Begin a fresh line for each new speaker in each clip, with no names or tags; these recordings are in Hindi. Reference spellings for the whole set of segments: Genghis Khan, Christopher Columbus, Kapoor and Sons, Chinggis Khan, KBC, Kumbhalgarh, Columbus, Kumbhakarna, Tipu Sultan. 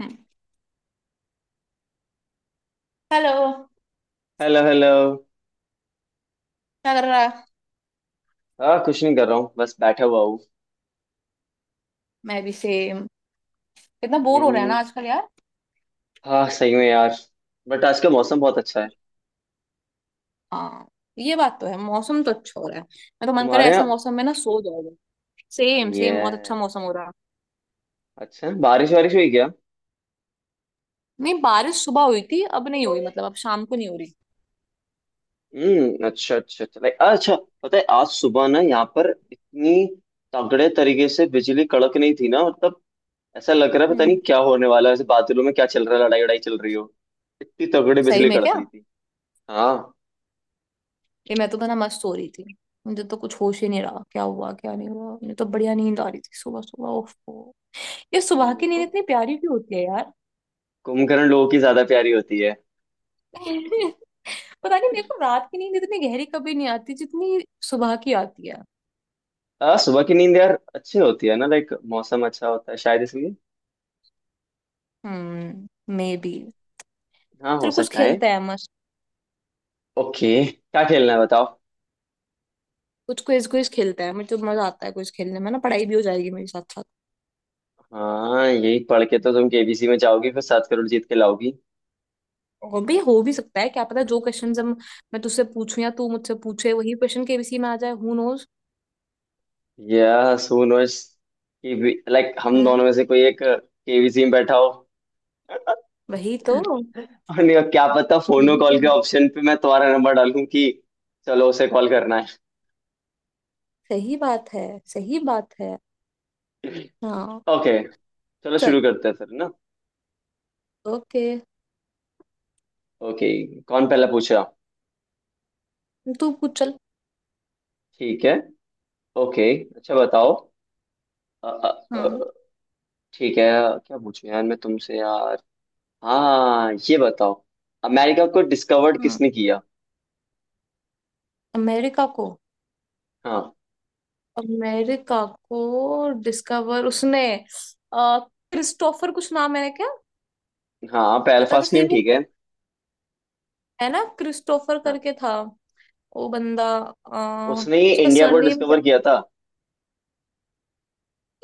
हेलो।
Hello hello.
क्या कर रहा है।
हाँ, कुछ नहीं कर रहा हूँ, बस बैठा हुआ हूँ।
मैं भी सेम। कितना बोर हो रहा है
हम्म।
ना आजकल यार।
हाँ सही में यार। बट आज का मौसम बहुत अच्छा है।
हाँ, ये बात तो है, मौसम तो अच्छा हो रहा है, मैं तो मन कर रहा
तुम्हारे
है ऐसे
यहाँ?
मौसम में ना सो जाओ। सेम सेम, बहुत अच्छा
ये,
मौसम हो रहा।
अच्छा बारिश वारिश हुई क्या?
नहीं, बारिश सुबह हुई थी, अब नहीं हुई, मतलब अब शाम को नहीं हो रही।
हम्म, अच्छा अच्छा अच्छा, लाइक अच्छा। पता है आज सुबह ना यहाँ पर इतनी तगड़े तरीके से बिजली कड़क नहीं थी ना, मतलब ऐसा लग रहा है पता नहीं
हम्म।
क्या होने वाला है, ऐसे बादलों में क्या चल रहा है, लड़ाई लड़ाई चल रही हो। इतनी तगड़ी
सही
बिजली
में
कड़क
क्या।
रही थी। हाँ।
ये मैं तो बना मस्त सो रही थी। मुझे तो कुछ होश ही नहीं रहा, क्या हुआ क्या नहीं हुआ, मुझे तो बढ़िया नींद आ रही थी सुबह सुबह, ओफ। ये
वो
सुबह की
कु-
नींद इतनी प्यारी क्यों होती है यार।
कुंभकर्ण लोगों की ज्यादा प्यारी होती।
पता नहीं, मेरे को रात की नींद इतनी गहरी कभी नहीं आती जितनी सुबह की आती है।
सुबह की नींद यार अच्छी होती है ना, लाइक मौसम अच्छा होता है शायद इसलिए।
हम्म। May be.
हाँ हो
चल कुछ
सकता है।
खेलते हैं मस्त।
ओके, क्या खेलना है बताओ।
कुछ क्विज क्विज खेलते हैं, मुझे तो मजा आता है कुछ खेलने में ना, पढ़ाई भी हो जाएगी मेरे साथ साथ।
हाँ यही पढ़ के तो तुम केबीसी में जाओगी, फिर 7 करोड़ जीत के लाओगी।
और भी हो भी सकता है, क्या पता जो क्वेश्चन हम, मैं तुझसे पूछूं या तू मुझसे पूछे वही क्वेश्चन केबीसी में आ जाए, हु नोज।
या सो नोस, कि लाइक हम
है ना।
दोनों में से कोई एक केबीसी में बैठा हो।
वही तो।
और नहीं, क्या पता फोनो
वही तो।
कॉल के ऑप्शन पे मैं तुम्हारा नंबर डालूं कि चलो उसे कॉल करना है।
सही बात है। सही बात है। हाँ।
ओके। चलो
चल।
शुरू करते हैं फिर ना।
ओके।
ओके। कौन पहला पूछ रहा?
तू पूछ चल।
ठीक है। ओके। अच्छा बताओ। अ, अ,
हम्म,
अ, ठीक है। क्या पूछूं यार मैं तुमसे यार। हाँ ये बताओ, अमेरिका को डिस्कवर्ड
हम्म।
किसने किया?
अमेरिका को।
हाँ
अमेरिका को डिस्कवर उसने, अ, क्रिस्टोफर कुछ नाम है क्या।
हाँ पहला
बता तो
फर्स्ट
सही।
नेम ठीक है।
है ना, क्रिस्टोफर
हाँ,
करके था वो बंदा।
उसने ही
उसका
इंडिया को
सरनेम क्या।
डिस्कवर किया था।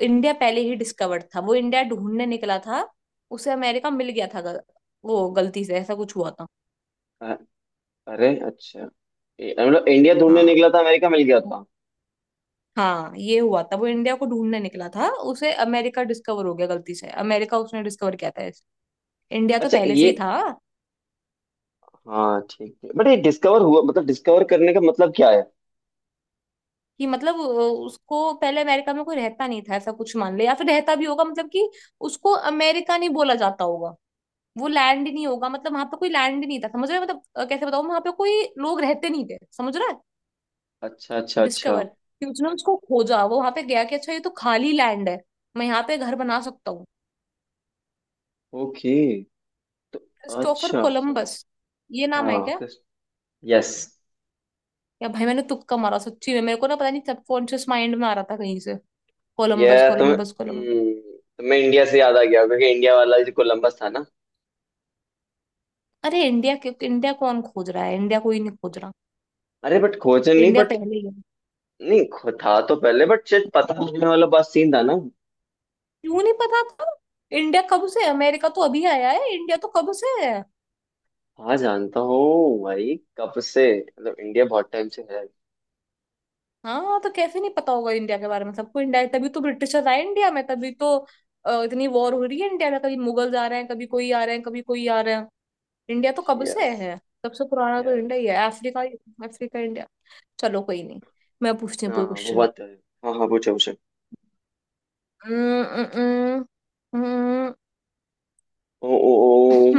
इंडिया पहले ही डिस्कवर्ड था, वो इंडिया ढूंढने निकला था, उसे अमेरिका मिल गया था, वो गलती से ऐसा कुछ हुआ था।
अ- अरे अच्छा। मतलब इंडिया ढूंढने
हाँ।
निकला था, अमेरिका मिल गया था।
हाँ, ये हुआ था, वो इंडिया को ढूंढने निकला था, उसे अमेरिका डिस्कवर हो गया गलती से, अमेरिका उसने डिस्कवर किया था, इंडिया तो
अच्छा
पहले से ही
ये,
था।
हाँ ठीक है, बट ये डिस्कवर हुआ मतलब डिस्कवर करने का मतलब क्या है?
कि मतलब उसको, पहले अमेरिका में कोई रहता नहीं था, ऐसा कुछ मान ले, या फिर रहता भी होगा मतलब कि उसको अमेरिका नहीं बोला जाता होगा। वो लैंड ही नहीं होगा, मतलब वहां पे कोई लैंड ही नहीं था, समझ रहे हो, मतलब कैसे बताऊँ, वहां पे कोई लोग रहते नहीं थे, समझ रहा है।
अच्छा अच्छा अच्छा।
डिस्कवर कि उसने उसको खोजा, वो वहां पे गया कि अच्छा ये तो खाली लैंड है, मैं यहाँ पे घर बना सकता हूँ।
ओके।
क्रिस्टोफर
अच्छा सम-
कोलम्बस। ये नाम है
हाँ।
क्या।
यस।
या भाई, मैंने तुक्का मारा सच्ची में, मेरे को ना पता नहीं, सबकॉन्शियस माइंड में आ रहा था कहीं से। कोलम्बस,
यह तुम्हें
कोलम्बस, कोलम्बस।
तुम्हें इंडिया से याद आ गया होगा कि इंडिया वाला जो कोलंबस था ना।
अरे इंडिया के, इंडिया कौन खोज रहा है, इंडिया कोई नहीं खोज रहा।
अरे बट खोजन नहीं,
इंडिया
बट
पहले ही है।
नहीं खो- था तो पहले बट शायद पता लगने वाला बात सीन था ना।
क्यों नहीं पता था। इंडिया कब से है? अमेरिका तो अभी आया है, इंडिया तो कब से है।
हाँ जानता हूँ भाई, कब से मतलब इंडिया बहुत टाइम से है।
हाँ, तो कैसे नहीं पता होगा इंडिया के बारे में, सबको इंडिया, तभी तो ब्रिटिशर्स आए इंडिया में, तभी तो इतनी वॉर हो रही है इंडिया में, कभी मुगल आ रहे हैं, कभी कोई आ रहे हैं, कभी कोई आ रहे हैं। इंडिया तो कब से
यस।
है। सबसे पुराना तो
यस।
इंडिया ही है, अफ्रीका। Africa, India. चलो कोई नहीं। मैं पूछती हूँ
हाँ
कोई
हाँ, वो
क्वेश्चन।
बात तो है। हाँ हाँ पूछो पूछो।
हम्म।
ओ, ओ,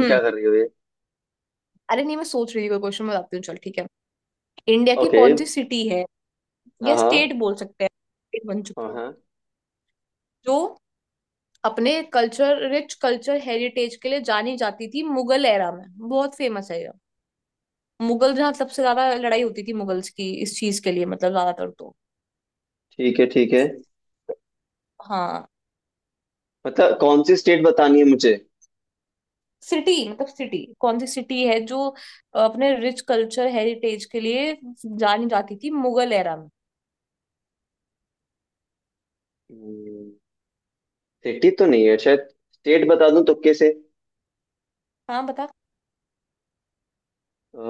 ओ, क्या कर रही हो ये?
अरे नहीं, मैं सोच रही थी कोई क्वेश्चन बताती हूँ, चल ठीक है। इंडिया की
ओके।
कौन सी सिटी है,
हाँ
या
हाँ
स्टेट बोल सकते हैं, स्टेट बन
हाँ
चुकी है
हाँ।
जो अपने कल्चर, रिच कल्चर हेरिटेज के लिए जानी जाती थी मुगल एरा में, बहुत फेमस है ये। मुगल जहाँ सबसे ज्यादा लड़ाई होती थी मुगल्स की, इस चीज के लिए मतलब ज्यादातर तो।
ठीक है ठीक है।
हाँ।
मतलब कौन सी स्टेट बतानी है मुझे?
सिटी मतलब, सिटी, कौन सी सिटी है जो अपने रिच कल्चर हेरिटेज के लिए जानी जाती थी मुगल एरा में।
सिटी तो नहीं है शायद, स्टेट बता दूं तुक्के से।
हाँ, बता
अ,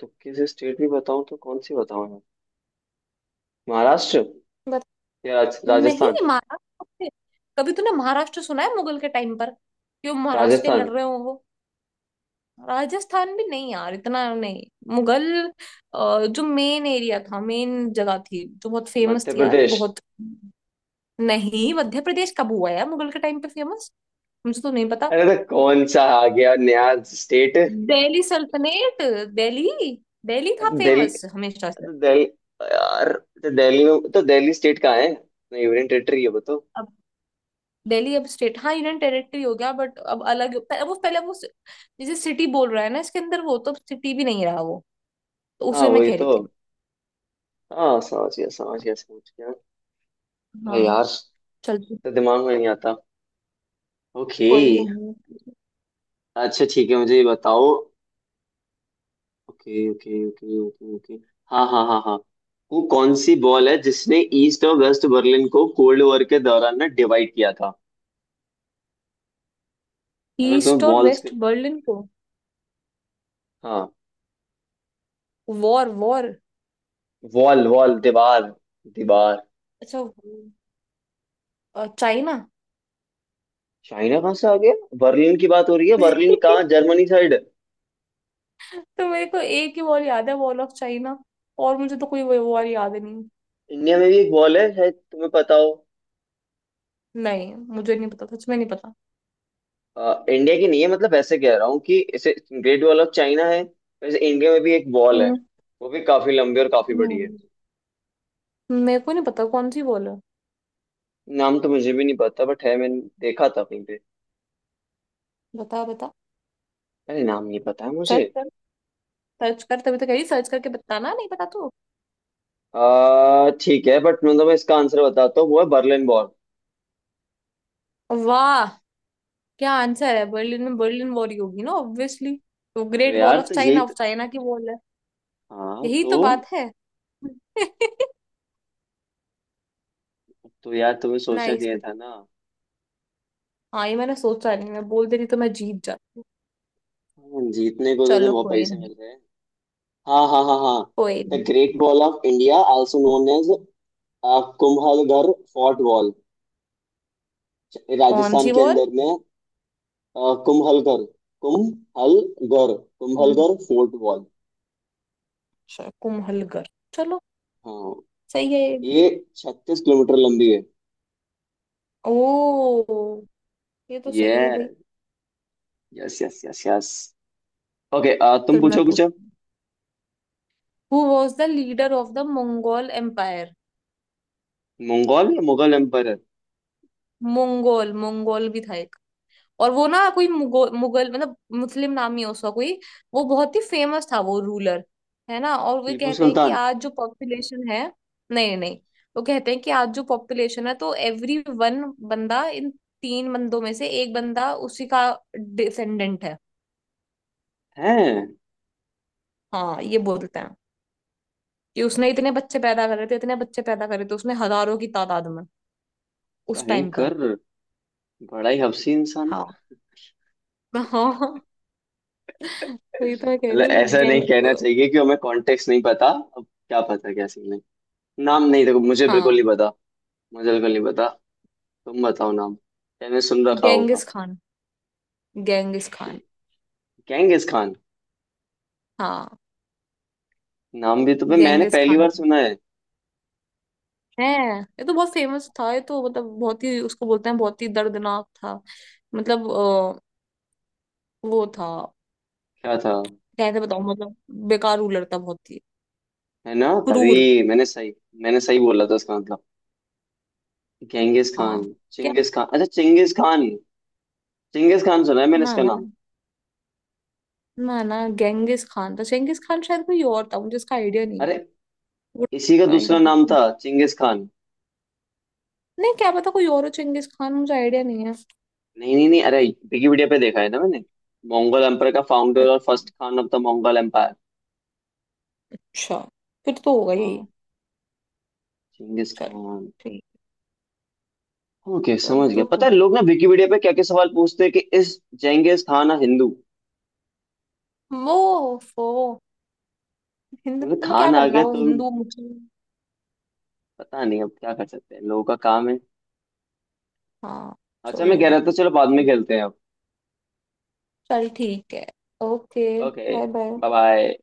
तुक्के से स्टेट भी बताऊं तो कौन सी बताऊं यार। महाराष्ट्र
बता।
या
नहीं
राजस्थान।
महाराष्ट्र, कभी तूने महाराष्ट्र सुना है मुगल के टाइम पर, क्यों महाराष्ट्र के
राजस्थान।
लड़ रहे हो वो। राजस्थान भी नहीं यार, इतना नहीं। मुगल, जो मेन एरिया था, मेन जगह थी जो बहुत फेमस
मध्य
थी यार
प्रदेश।
बहुत। नहीं, मध्य प्रदेश कब हुआ यार मुगल के टाइम पे फेमस। मुझे तो नहीं पता।
अरे तो कौन सा आ गया नया स्टेट?
दिल्ली सल्तनत। दिल्ली। दिल्ली था
दिल्ली?
फेमस हमेशा से।
तो दिल्ली यार, तो दिल्ली में तो दिल्ली स्टेट कहाँ है अपना, यूनियन टेरिटरी है बताओ।
अब दिल्ली, अब स्टेट, हाँ यूनियन टेरिटरी हो गया, बट अब अलग वो पहले वो, जैसे सिटी बोल रहा है ना इसके अंदर, वो तो सिटी भी नहीं रहा वो, तो
हाँ
उसे मैं
वही
कह रही
तो।
थी।
हाँ समझ गया समझ गया समझ गया। भाई
हाँ।
यार,
चल।
तो दिमाग में नहीं आता। ओके।
कोई नहीं।
अच्छा ठीक है, मुझे ये बताओ। Okay okay okay okay okay. हाँ हाँ हाँ हाँ। वो कौन सी बॉल है जिसने ईस्ट और वेस्ट बर्लिन को कोल्ड वॉर के दौरान ना डिवाइड किया था? अगर तुम्हें
ईस्ट और
बॉल्स के,
वेस्ट बर्लिन को।
हाँ।
War war.
वॉल वॉल दीवार। दीवार।
अच्छा चाइना।
चाइना कहाँ से आ गया? बर्लिन की बात हो रही है, बर्लिन कहाँ? Germany side.
तो मेरे को एक ही वॉर याद है, वॉर ऑफ चाइना, और मुझे तो कोई वॉर याद ही नहीं।
इंडिया में भी एक बॉल है, शायद तुम्हें पता हो।
नहीं, मुझे नहीं पता, सच में नहीं पता।
इंडिया की नहीं है, मतलब ऐसे कह रहा हूँ कि इसे, ग्रेट वॉल ऑफ चाइना है, वैसे इंडिया में भी एक बॉल है।
हम्म,
वो भी काफी लंबी और काफी बड़ी है।
नहीं, मेरे को नहीं पता कौन सी वॉर है।
नाम तो मुझे भी नहीं पता बट है, मैंने देखा था कहीं।
बता बता,
अरे नाम नहीं पता है मुझे।
सर्च कर, सर्च कर तभी तो कह रही, सर्च करके बताना, नहीं पता तो।
आ ठीक है, बट मतलब मैं तुम्हें इसका आंसर बताता हूँ, वो है बर्लिन वॉल।
वाह, क्या आंसर है, बर्लिन में बर्लिन वॉर ही होगी ना ऑब्वियसली। तो
तो
ग्रेट वॉल
यार
ऑफ
तो
चाइना,
यही
ऑफ
त-
चाइना की वॉल है।
हाँ
यही
तो
तो बात है।
तो यार तुम्हें सोचना
नाइस
चाहिए
कुछ।
था ना।
हाँ, ये मैंने सोचा नहीं, मैं बोल देती तो मैं जीत जाती।
हाँ, जीतने को तो तुम्हें
चलो
बहुत
कोई
पैसे
नहीं।
मिल रहे हैं। हाँ हाँ हाँ हाँ।
कोई
द
नहीं।
Great wall of India also known as Kumbhalgarh fort wall,
कौन
राजस्थान
सी
के
वॉल।
अंदर में। कुंभलगढ़,
हम्म।
Kumbhalgarh fort wall.
अच्छा कुम्हलगर। चलो।
हाँ,
सही है ये भी।
ये 36 किलोमीटर लंबी है।
ओ, ये तो सही है भाई।
Yes. Yes yes yes yes. Okay, तुम
चल मैं
पूछो कुछ अब।
पूछती हूँ। Who was the leader of the Mongol empire.
Mongol या मुगल एम्पायर?
मंगोल, मंगोल भी था एक। और वो ना कोई, मुगल मतलब मुस्लिम नाम ही है उसका कोई, वो बहुत ही फेमस था वो रूलर, है ना, और वे
टीपू
कहते हैं कि
सुल्तान।
आज जो पॉपुलेशन है। नहीं नहीं। वो कहते हैं कि आज जो पॉपुलेशन है तो एवरी वन बंदा, इन तीन बंदों में से एक बंदा उसी का डिसेंडेंट है।
है।
हाँ, ये बोलते हैं कि उसने इतने बच्चे पैदा करे थे, इतने बच्चे पैदा करे थे उसने, हजारों की तादाद में उस टाइम पर।
भयंकर। बड़ा ही हफसी इंसान
हाँ।
था।
हाँ, वही तो मैं कह
मतलब
रही हूँ,
ऐसा नहीं
गैंग।
कहना चाहिए, कि हमें कॉन्टेक्स्ट नहीं पता, अब क्या पता क्या सीन है। नाम नहीं, देखो मुझे बिल्कुल नहीं
हाँ।
पता। मुझे बिल्कुल नहीं पता, तुम बताओ नाम, मैंने सुन रखा होगा।
Genghis Khan, Genghis Khan.
Genghis Khan?
हाँ।
नाम भी तुम्हें मैंने
गेंगिस
पहली
खान
बार सुना है।
है, ये तो बहुत फेमस था, ये तो मतलब बहुत ही, उसको बोलते हैं बहुत ही दर्दनाक था, मतलब वो था।
क्या था?
कैसे बताऊं, मतलब बेकार रूलर था बहुत ही,
है ना,
क्रूर।
तभी मैंने सही, मैंने सही बोला था इसका मतलब। गेंगिस खान,
हाँ। क्या।
चिंगिस खान। अच्छा चिंगिस खान। चिंगिस खान सुना है मैंने
ना
इसका
ना,
नाम।
ना ना, गेंगिस खान था, चेंगिस खान शायद कोई और था, मुझे इसका आइडिया नहीं
अरे,
है। Would
इसी का दूसरा
find
नाम
it-
था चिंगिस खान।
नहीं, क्या पता कोई और हो, चेंगिस खान मुझे आइडिया नहीं है।
नहीं नहीं नहीं, अरे विकिपीडिया पे देखा है ना मैंने। मंगोल एम्पायर का फाउंडर और
अच्छा,
first Khan of the Mongol empire.
फिर तो होगा यही।
हाँ, चिंगिस
चल,
खान।
ठीक।
ओके
चल
समझ गया।
तो।
पता है लोग ना विकिपीडिया पे क्या क्या सवाल पूछते हैं, कि इस जेंगिस खान ना हिंदू,
वो फो हिंदू,
मतलब
तुम्हें क्या
खान आ
करना
गया
वो
तो,
हिंदू मुस्लिम।
पता नहीं अब क्या कर सकते हैं, लोगों का काम है।
हाँ।
अच्छा मैं
छोड़ो
कह रहा था
भाई।
चलो बाद में
चल।
खेलते हैं अब।
चल ठीक है। Okay.
Okay.
Bye bye.
Bye bye.